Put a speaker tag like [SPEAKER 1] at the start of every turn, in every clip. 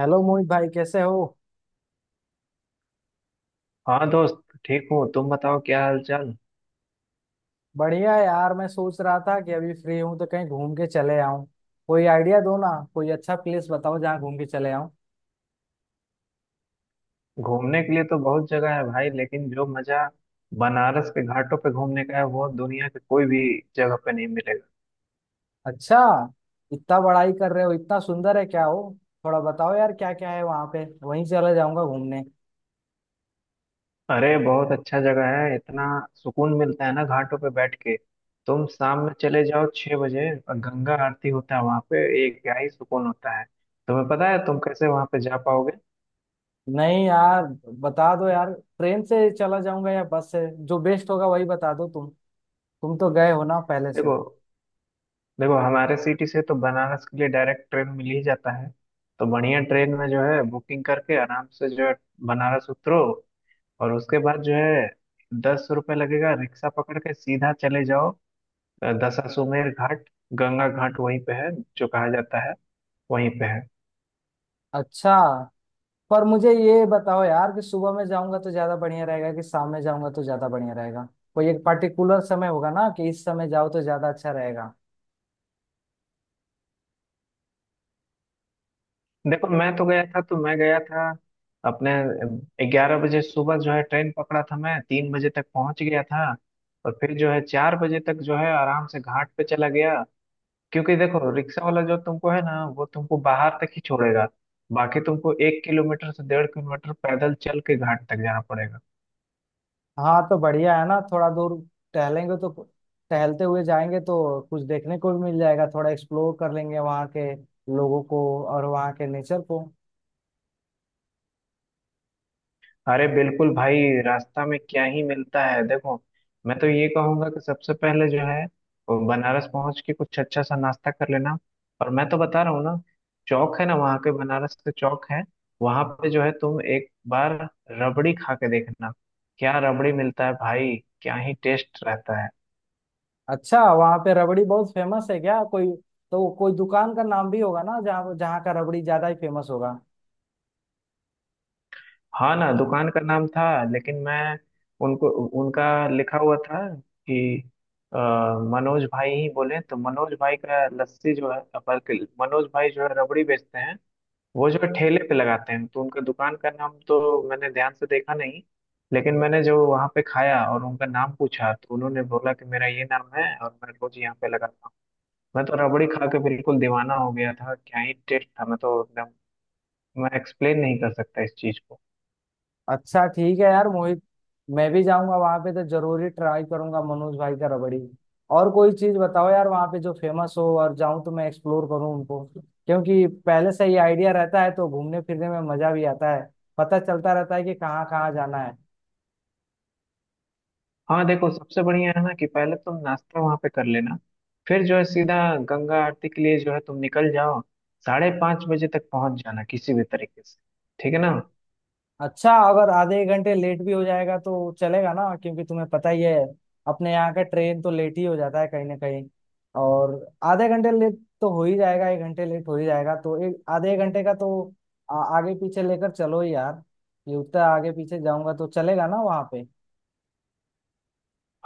[SPEAKER 1] Hello Mohit भाई, कैसे हो।
[SPEAKER 2] हाँ दोस्त ठीक हूँ। तुम बताओ क्या हाल चाल।
[SPEAKER 1] बढ़िया यार, मैं सोच रहा था कि अभी फ्री हूँ तो कहीं घूम के चले आऊं। कोई आइडिया दो ना। कोई अच्छा प्लेस बताओ जहाँ घूम के चले आऊं।
[SPEAKER 2] घूमने के लिए तो बहुत जगह है भाई, लेकिन जो मजा बनारस के घाटों पे घूमने का है वो दुनिया के कोई भी जगह पे नहीं मिलेगा।
[SPEAKER 1] अच्छा, इतना बड़ाई कर रहे हो, इतना सुंदर है क्या हो। थोड़ा बताओ यार क्या क्या है वहाँ पे, वहीं चला जाऊंगा घूमने।
[SPEAKER 2] अरे बहुत अच्छा जगह है, इतना सुकून मिलता है ना घाटों पे बैठ के। तुम शाम में चले जाओ 6 बजे और गंगा आरती होता है वहां पे। एक क्या ही सुकून होता है। तुम्हें पता है तुम कैसे वहां पे जा पाओगे?
[SPEAKER 1] नहीं यार, बता दो यार। ट्रेन से चला जाऊंगा या बस से, जो बेस्ट होगा वही बता दो तुम। तुम तो गए हो ना पहले से।
[SPEAKER 2] देखो देखो हमारे सिटी से तो बनारस के लिए डायरेक्ट ट्रेन मिल ही जाता है। तो बढ़िया ट्रेन में जो है बुकिंग करके आराम से जो है बनारस उतरो। और उसके बाद जो है 10 रुपये लगेगा, रिक्शा पकड़ के सीधा चले जाओ दशाश्वमेध घाट। गंगा घाट वहीं पे है, जो कहा जाता है वहीं पे है।
[SPEAKER 1] अच्छा, पर मुझे ये बताओ यार कि सुबह में जाऊंगा तो ज्यादा बढ़िया रहेगा कि शाम में जाऊंगा तो ज्यादा बढ़िया रहेगा। कोई एक पर्टिकुलर समय होगा ना कि इस समय जाओ तो ज्यादा अच्छा रहेगा।
[SPEAKER 2] देखो मैं गया था अपने। 11 बजे सुबह जो है ट्रेन पकड़ा था, मैं 3 बजे तक पहुंच गया था। और फिर जो है 4 बजे तक जो है आराम से घाट पे चला गया। क्योंकि देखो रिक्शा वाला जो तुमको है ना वो तुमको बाहर तक ही छोड़ेगा। बाकी तुमको 1 किलोमीटर से 1.5 किलोमीटर पैदल चल के घाट तक जाना पड़ेगा।
[SPEAKER 1] हाँ तो बढ़िया है ना, थोड़ा दूर टहलेंगे तो। टहलते हुए जाएंगे तो कुछ देखने को भी मिल जाएगा, थोड़ा एक्सप्लोर कर लेंगे वहाँ के लोगों को और वहाँ के नेचर को।
[SPEAKER 2] अरे बिल्कुल भाई। रास्ता में क्या ही मिलता है देखो। मैं तो ये कहूंगा कि सबसे पहले जो है वो बनारस पहुंच के कुछ अच्छा सा नाश्ता कर लेना। और मैं तो बता रहा हूँ ना, चौक है ना वहाँ के बनारस के चौक है। वहां पे जो है तुम एक बार रबड़ी खा के देखना। क्या रबड़ी मिलता है भाई। क्या ही टेस्ट रहता है।
[SPEAKER 1] अच्छा, वहाँ पे रबड़ी बहुत फेमस है क्या। कोई तो कोई दुकान का नाम भी होगा ना, जहाँ जहाँ का रबड़ी ज्यादा ही फेमस होगा।
[SPEAKER 2] हाँ ना, दुकान का नाम था, लेकिन मैं उनको उनका लिखा हुआ था कि अ, मनोज भाई ही बोले तो। मनोज भाई का लस्सी जो है, बल्कि मनोज भाई जो है रबड़ी बेचते हैं। वो जो है ठेले पे लगाते हैं, तो उनका दुकान का नाम तो मैंने ध्यान से देखा नहीं। लेकिन मैंने जो वहाँ पे खाया और उनका नाम पूछा तो उन्होंने बोला कि मेरा ये नाम है और मैं रोज यहाँ पे लगाता हूँ। मैं तो रबड़ी खा के बिल्कुल दीवाना हो गया था। क्या ही टेस्ट था। मैं तो एकदम मैं एक्सप्लेन नहीं कर सकता इस चीज को।
[SPEAKER 1] अच्छा ठीक है यार मोहित, मैं भी जाऊंगा वहां पे तो जरूरी ट्राई करूंगा मनोज भाई का रबड़ी। और कोई चीज बताओ यार वहां पे जो फेमस हो, और जाऊं तो मैं एक्सप्लोर करूं उनको, क्योंकि पहले से ही आइडिया रहता है तो घूमने फिरने में मजा भी आता है। पता चलता रहता है कि कहाँ कहाँ जाना है।
[SPEAKER 2] हाँ देखो, सबसे बढ़िया है ना कि पहले तुम नाश्ता वहां पे कर लेना। फिर जो है सीधा गंगा आरती के लिए जो है तुम निकल जाओ। 5:30 बजे तक पहुंच जाना किसी भी तरीके से। ठीक है ना।
[SPEAKER 1] अच्छा, अगर आधे एक घंटे लेट भी हो जाएगा तो चलेगा ना, क्योंकि तुम्हें पता ही है, अपने यहाँ का ट्रेन तो लेट ही हो जाता है कहीं ना कहीं। और आधे घंटे लेट तो हो ही जाएगा, एक घंटे लेट हो ही जाएगा, तो एक आधे एक घंटे का तो आगे पीछे लेकर चलो यार। ये उतना आगे पीछे जाऊंगा तो चलेगा ना वहाँ पे।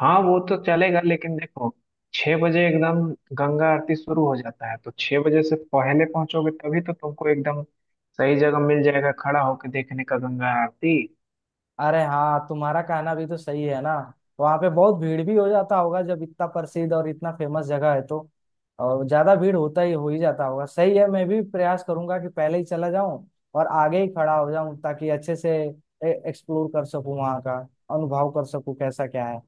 [SPEAKER 2] हाँ वो तो चलेगा, लेकिन देखो 6 बजे एकदम गंगा आरती शुरू हो जाता है, तो 6 बजे से पहले पहुंचोगे तभी तो तुमको एकदम सही जगह मिल जाएगा खड़ा होकर देखने का गंगा आरती।
[SPEAKER 1] अरे हाँ, तुम्हारा कहना भी तो सही है ना। वहाँ पे बहुत भीड़ भी हो जाता होगा जब इतना प्रसिद्ध और इतना फेमस जगह है तो, और ज्यादा भीड़ होता ही हो ही जाता होगा। सही है, मैं भी प्रयास करूंगा कि पहले ही चला जाऊं और आगे ही खड़ा हो जाऊं, ताकि अच्छे से एक्सप्लोर कर सकूं वहाँ का, अनुभव कर सकूं कैसा क्या है।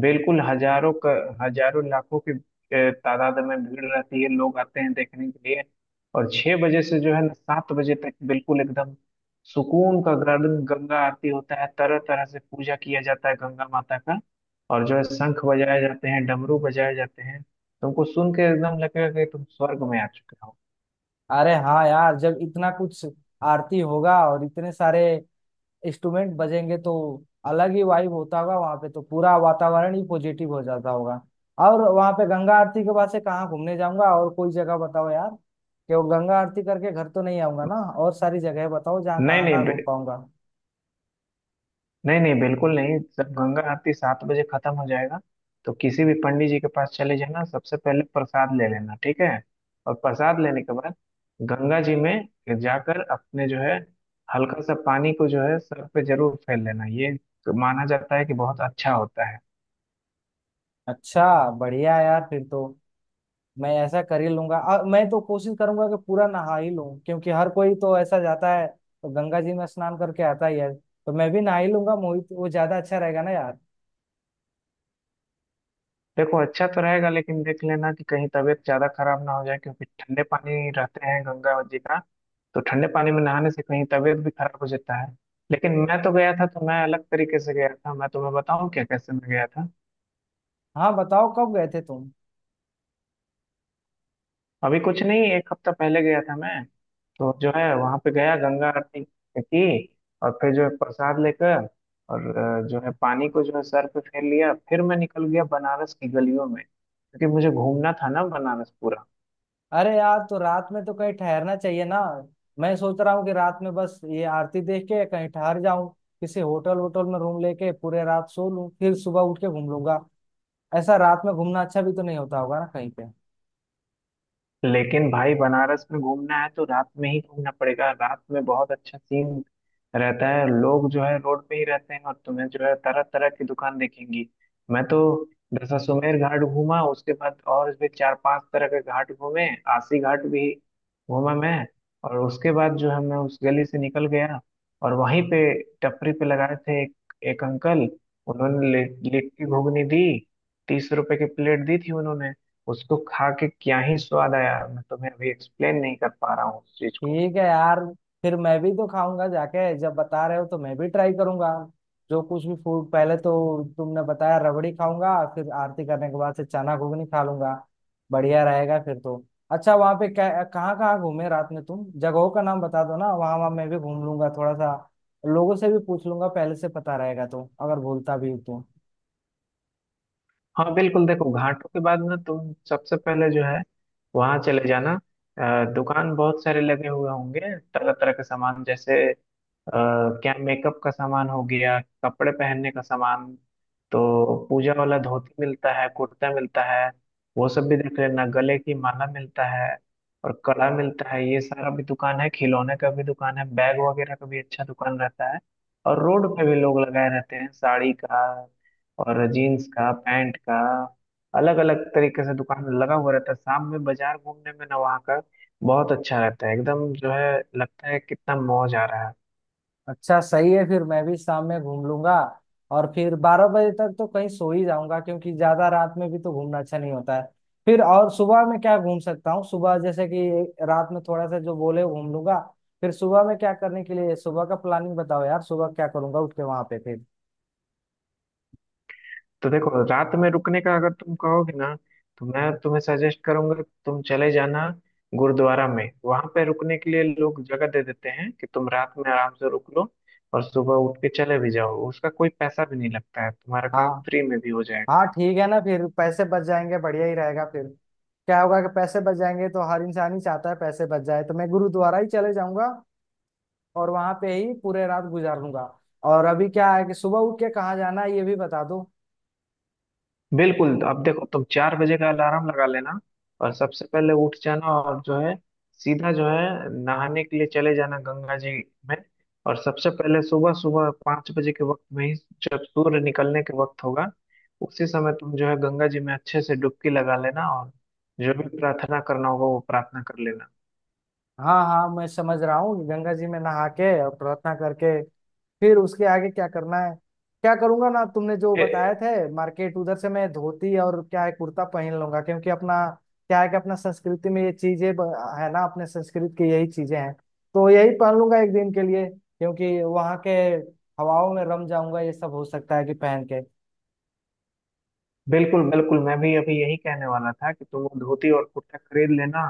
[SPEAKER 2] बिल्कुल। हजारों लाखों की तादाद में भीड़ रहती है, लोग आते हैं देखने के लिए। और 6 बजे से जो है ना 7 बजे तक बिल्कुल एकदम सुकून का गार्डन गंगा आरती होता है। तरह तरह से पूजा किया जाता है गंगा माता का। और जो है शंख बजाए जाते हैं, डमरू बजाए जाते हैं। तुमको सुन के एकदम लगेगा कि तुम स्वर्ग में आ चुके हो।
[SPEAKER 1] अरे हाँ यार, जब इतना कुछ आरती होगा और इतने सारे इंस्ट्रूमेंट बजेंगे तो अलग ही वाइब होता होगा वहां पे, तो पूरा वातावरण ही पॉजिटिव हो जाता होगा। और वहां पे गंगा आरती के बाद से कहाँ घूमने जाऊंगा, और कोई जगह बताओ यार। क्यों, गंगा आरती करके घर तो नहीं आऊंगा ना। और सारी जगह बताओ जहाँ
[SPEAKER 2] नहीं
[SPEAKER 1] कहाँ कहाँ घूम
[SPEAKER 2] नहीं।
[SPEAKER 1] पाऊंगा।
[SPEAKER 2] नहीं नहीं, बिल्कुल नहीं। जब गंगा आरती 7 बजे खत्म हो जाएगा तो किसी भी पंडित जी के पास चले जाना, सबसे पहले प्रसाद ले लेना। ठीक है। और प्रसाद लेने के बाद गंगा जी में जाकर अपने जो है हल्का सा पानी को जो है सर पे जरूर फेर लेना। ये माना जाता है कि बहुत अच्छा होता है।
[SPEAKER 1] अच्छा, बढ़िया यार फिर तो। मैं ऐसा कर ही लूंगा और मैं तो कोशिश करूंगा कि पूरा नहा ही लूं, क्योंकि हर कोई तो ऐसा जाता है तो गंगा जी में स्नान करके आता ही है, तो मैं भी नहा ही लूंगा मोहित, वो ज्यादा अच्छा रहेगा ना यार।
[SPEAKER 2] देखो, अच्छा तो रहेगा लेकिन देख लेना कि कहीं तबीयत ज्यादा खराब ना हो जाए, क्योंकि ठंडे पानी रहते हैं गंगा जी का। तो ठंडे पानी में नहाने से कहीं तबीयत भी खराब हो जाता है। लेकिन मैं तो गया था तो मैं अलग तरीके से गया था। मैं तुम्हें बताऊं क्या कैसे मैं गया था?
[SPEAKER 1] हाँ बताओ, कब गए थे तुम।
[SPEAKER 2] अभी कुछ नहीं, एक हफ्ता पहले गया था मैं। तो जो है वहां पे गया गंगा आरती की। और फिर जो है प्रसाद लेकर और जो है पानी को जो है सर पे फेर लिया, फिर मैं निकल गया बनारस की गलियों में क्योंकि मुझे घूमना था ना बनारस पूरा।
[SPEAKER 1] अरे यार, तो रात में तो कहीं ठहरना चाहिए ना। मैं सोच रहा हूँ कि रात में बस ये आरती देख के कहीं ठहर जाऊं, किसी होटल वोटल में रूम लेके पूरे रात सो लूं, फिर सुबह उठ के घूम लूंगा। ऐसा रात में घूमना अच्छा भी तो नहीं होता होगा ना कहीं पे।
[SPEAKER 2] लेकिन भाई बनारस में घूमना है तो रात में ही घूमना पड़ेगा। रात में बहुत अच्छा सीन रहता है, लोग जो है रोड पे ही रहते हैं और तुम्हें जो है तरह तरह की दुकान दिखेंगी। मैं तो दशाश्वमेध घाट घूमा, उसके बाद और भी चार पांच तरह के घाट घूमे। आसी घाट भी घूमा मैं। और उसके बाद जो है मैं उस गली से निकल गया। और वहीं पे टपरी पे लगाए थे एक अंकल। उन्होंने लिट्टी घुगनी दी। 30 रुपए की प्लेट दी थी उन्होंने। उसको खा के क्या ही स्वाद आया। मैं तुम्हें अभी एक्सप्लेन नहीं कर पा रहा हूँ उस चीज को।
[SPEAKER 1] ठीक है यार, फिर मैं भी तो खाऊंगा जाके, जब बता रहे हो तो मैं भी ट्राई करूंगा जो कुछ भी फूड। पहले तो तुमने बताया रबड़ी खाऊंगा, फिर आरती करने के बाद से चना घुगनी खा लूंगा। बढ़िया रहेगा फिर तो। अच्छा, वहां पे क्या कहाँ कहाँ घूमे रात में तुम, जगहों का नाम बता दो ना, वहां वहां मैं भी घूम लूंगा थोड़ा सा। लोगों से भी पूछ लूंगा, पहले से पता रहेगा तो अगर भूलता भी हूं तो।
[SPEAKER 2] हाँ बिल्कुल। देखो घाटों के बाद ना तुम सबसे पहले जो है वहां चले जाना। दुकान बहुत सारे लगे हुए होंगे, तरह तरह के सामान, जैसे क्या मेकअप का सामान हो गया, कपड़े पहनने का सामान। तो पूजा वाला धोती मिलता है, कुर्ता मिलता है। वो सब भी देख लेना। गले की माला मिलता है और कड़ा मिलता है, ये सारा भी दुकान है। खिलौने का भी दुकान है, बैग वगैरह का भी अच्छा दुकान रहता है। और रोड पे भी लोग लगाए रहते हैं साड़ी का और जीन्स का पैंट का, अलग अलग तरीके से दुकान लगा हुआ रहता है। शाम में बाजार घूमने में ना वहाँ का बहुत अच्छा रहता है, एकदम जो है लगता है कितना मौज आ रहा है।
[SPEAKER 1] अच्छा सही है, फिर मैं भी शाम में घूम लूंगा। और फिर 12 बजे तक तो कहीं सो ही जाऊंगा, क्योंकि ज्यादा रात में भी तो घूमना अच्छा नहीं होता है। फिर और सुबह में क्या घूम सकता हूँ, सुबह जैसे कि रात में थोड़ा सा जो बोले घूम लूंगा, फिर सुबह में क्या करने के लिए, सुबह का प्लानिंग बताओ यार, सुबह क्या करूंगा उठ के वहां पे फिर।
[SPEAKER 2] तो देखो, रात में रुकने का अगर तुम कहोगे ना तो मैं तुम्हें सजेस्ट करूंगा कि तुम चले जाना गुरुद्वारा में। वहां पे रुकने के लिए लोग जगह दे देते हैं कि तुम रात में आराम से रुक लो, और सुबह उठ के चले भी जाओ। उसका कोई पैसा भी नहीं लगता है, तुम्हारा
[SPEAKER 1] हाँ
[SPEAKER 2] काम फ्री में भी हो जाएगा।
[SPEAKER 1] हाँ ठीक है ना, फिर पैसे बच जाएंगे बढ़िया ही रहेगा फिर। क्या होगा कि पैसे बच जाएंगे तो, हर इंसान ही चाहता है पैसे बच जाए, तो मैं गुरुद्वारा ही चले जाऊंगा और वहां पे ही पूरे रात गुजार लूंगा। और अभी क्या है कि सुबह उठ के कहाँ जाना है ये भी बता दो।
[SPEAKER 2] बिल्कुल। तो अब देखो तुम 4 बजे का अलार्म लगा लेना और सबसे पहले उठ जाना। और जो है सीधा जो है नहाने के लिए चले जाना गंगा जी में। और सबसे पहले सुबह सुबह 5 बजे के वक्त में ही, जब सूर्य निकलने के वक्त होगा, उसी समय तुम जो है गंगा जी में अच्छे से डुबकी लगा लेना और जो भी प्रार्थना करना होगा वो प्रार्थना कर लेना।
[SPEAKER 1] हाँ हाँ मैं समझ रहा हूँ, गंगा जी में नहा के और प्रार्थना करके फिर उसके आगे क्या करना है। क्या करूंगा ना, तुमने जो बताए थे मार्केट, उधर से मैं धोती और क्या है कुर्ता पहन लूंगा, क्योंकि अपना क्या है कि अपना संस्कृति में ये चीजें है ना, अपने संस्कृत की यही चीजें हैं। तो यही पहन लूंगा एक दिन के लिए, क्योंकि वहाँ के हवाओं में रम जाऊंगा ये सब, हो सकता है कि पहन के।
[SPEAKER 2] बिल्कुल बिल्कुल। मैं भी अभी यही कहने वाला था कि तुम वो धोती और कुर्ता खरीद लेना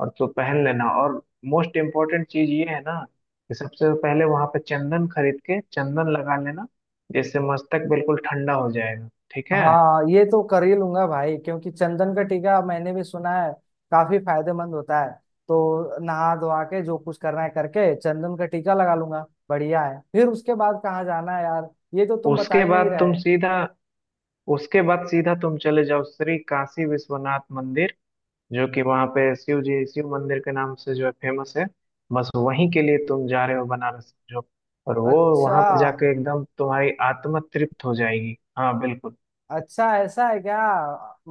[SPEAKER 2] और तो पहन लेना। और मोस्ट इम्पोर्टेंट चीज ये है ना, कि सबसे पहले वहां पे चंदन खरीद के चंदन लगा लेना, जिससे मस्तक बिल्कुल ठंडा हो जाएगा। ठीक है।
[SPEAKER 1] हाँ, ये तो कर ही लूंगा भाई, क्योंकि चंदन का टीका मैंने भी सुना है काफी फायदेमंद होता है। तो नहा धोवा के जो कुछ करना है करके चंदन का टीका लगा लूंगा। बढ़िया है, फिर उसके बाद कहाँ जाना है यार, ये तो तुम बता
[SPEAKER 2] उसके
[SPEAKER 1] ही नहीं
[SPEAKER 2] बाद तुम
[SPEAKER 1] रहे।
[SPEAKER 2] सीधा उसके बाद सीधा तुम चले जाओ श्री काशी विश्वनाथ मंदिर, जो कि वहाँ पे शिव जी, शिव मंदिर के नाम से जो है फेमस है। बस वहीं के लिए तुम जा रहे हो बनारस जो। और वो
[SPEAKER 1] अच्छा।
[SPEAKER 2] वहाँ पे जाके एकदम तुम्हारी आत्मा तृप्त हो जाएगी। हाँ बिल्कुल।
[SPEAKER 1] अच्छा, ऐसा है क्या।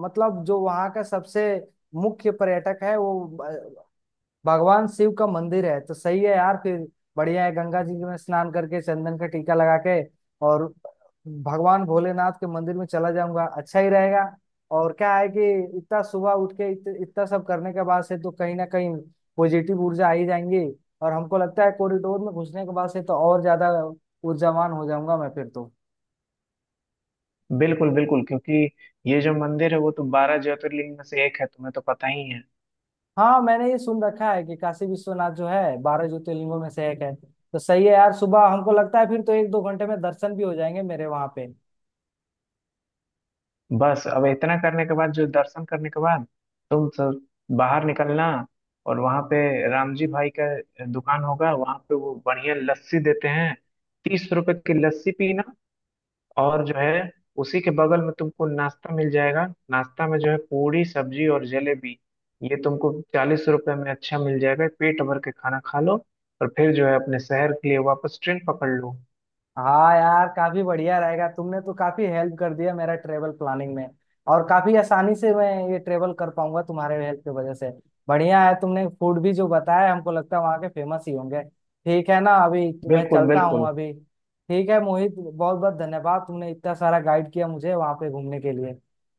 [SPEAKER 1] मतलब जो वहाँ का सबसे मुख्य पर्यटक है वो भगवान शिव का मंदिर है, तो सही है यार फिर। बढ़िया है, गंगा जी में स्नान करके चंदन का टीका लगा के और भगवान भोलेनाथ के मंदिर में चला जाऊंगा, अच्छा ही रहेगा। और क्या है कि इतना सुबह उठ के इतना सब करने के बाद से तो कहीं ना कहीं पॉजिटिव ऊर्जा आ ही जाएंगी। और हमको लगता है कॉरिडोर में घुसने के बाद से तो और ज्यादा ऊर्जावान हो जाऊंगा मैं फिर तो।
[SPEAKER 2] बिल्कुल बिल्कुल, क्योंकि ये जो मंदिर है वो तो 12 ज्योतिर्लिंग में से एक है, तुम्हें तो पता ही है।
[SPEAKER 1] हाँ, मैंने ये सुन रखा है कि काशी विश्वनाथ जो है 12 ज्योतिर्लिंगों में से एक है। तो सही है यार, सुबह हमको लगता है फिर तो एक दो घंटे में दर्शन भी हो जाएंगे मेरे वहां पे।
[SPEAKER 2] बस अब इतना करने के बाद, जो दर्शन करने के बाद तुम सब बाहर निकलना। और वहाँ पे राम जी भाई का दुकान होगा वहाँ पे, वो बढ़िया लस्सी देते हैं। 30 रुपए की लस्सी पीना। और जो है उसी के बगल में तुमको नाश्ता मिल जाएगा। नाश्ता में जो है पूरी सब्जी और जलेबी, ये तुमको 40 रुपए में अच्छा मिल जाएगा, पेट भर के खाना खा लो। और फिर जो है अपने शहर के लिए वापस ट्रेन पकड़ लो।
[SPEAKER 1] हाँ यार, काफी बढ़िया रहेगा, तुमने तो काफी हेल्प कर दिया मेरा ट्रेवल प्लानिंग में, और काफी आसानी से मैं ये ट्रेवल कर पाऊंगा तुम्हारे हेल्प की वजह से। बढ़िया है, तुमने फूड भी जो बताया हमको लगता है वहाँ के फेमस ही होंगे। ठीक है ना, अभी तो मैं
[SPEAKER 2] बिल्कुल
[SPEAKER 1] चलता हूँ
[SPEAKER 2] बिल्कुल।
[SPEAKER 1] अभी। ठीक है मोहित, बहुत बहुत धन्यवाद, तुमने इतना सारा गाइड किया मुझे वहाँ पे घूमने के लिए।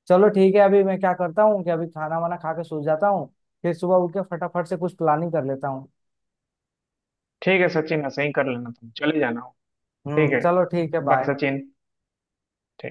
[SPEAKER 1] चलो ठीक है, अभी मैं क्या करता हूँ कि अभी खाना वाना खा के सो जाता हूँ, फिर सुबह उठ के फटाफट से कुछ प्लानिंग कर लेता हूँ।
[SPEAKER 2] ठीक है सचिन, ऐसे ही कर लेना, तुम चले जाना। ठीक
[SPEAKER 1] हम्म,
[SPEAKER 2] है।
[SPEAKER 1] चलो ठीक है,
[SPEAKER 2] बाय
[SPEAKER 1] बाय।
[SPEAKER 2] सचिन।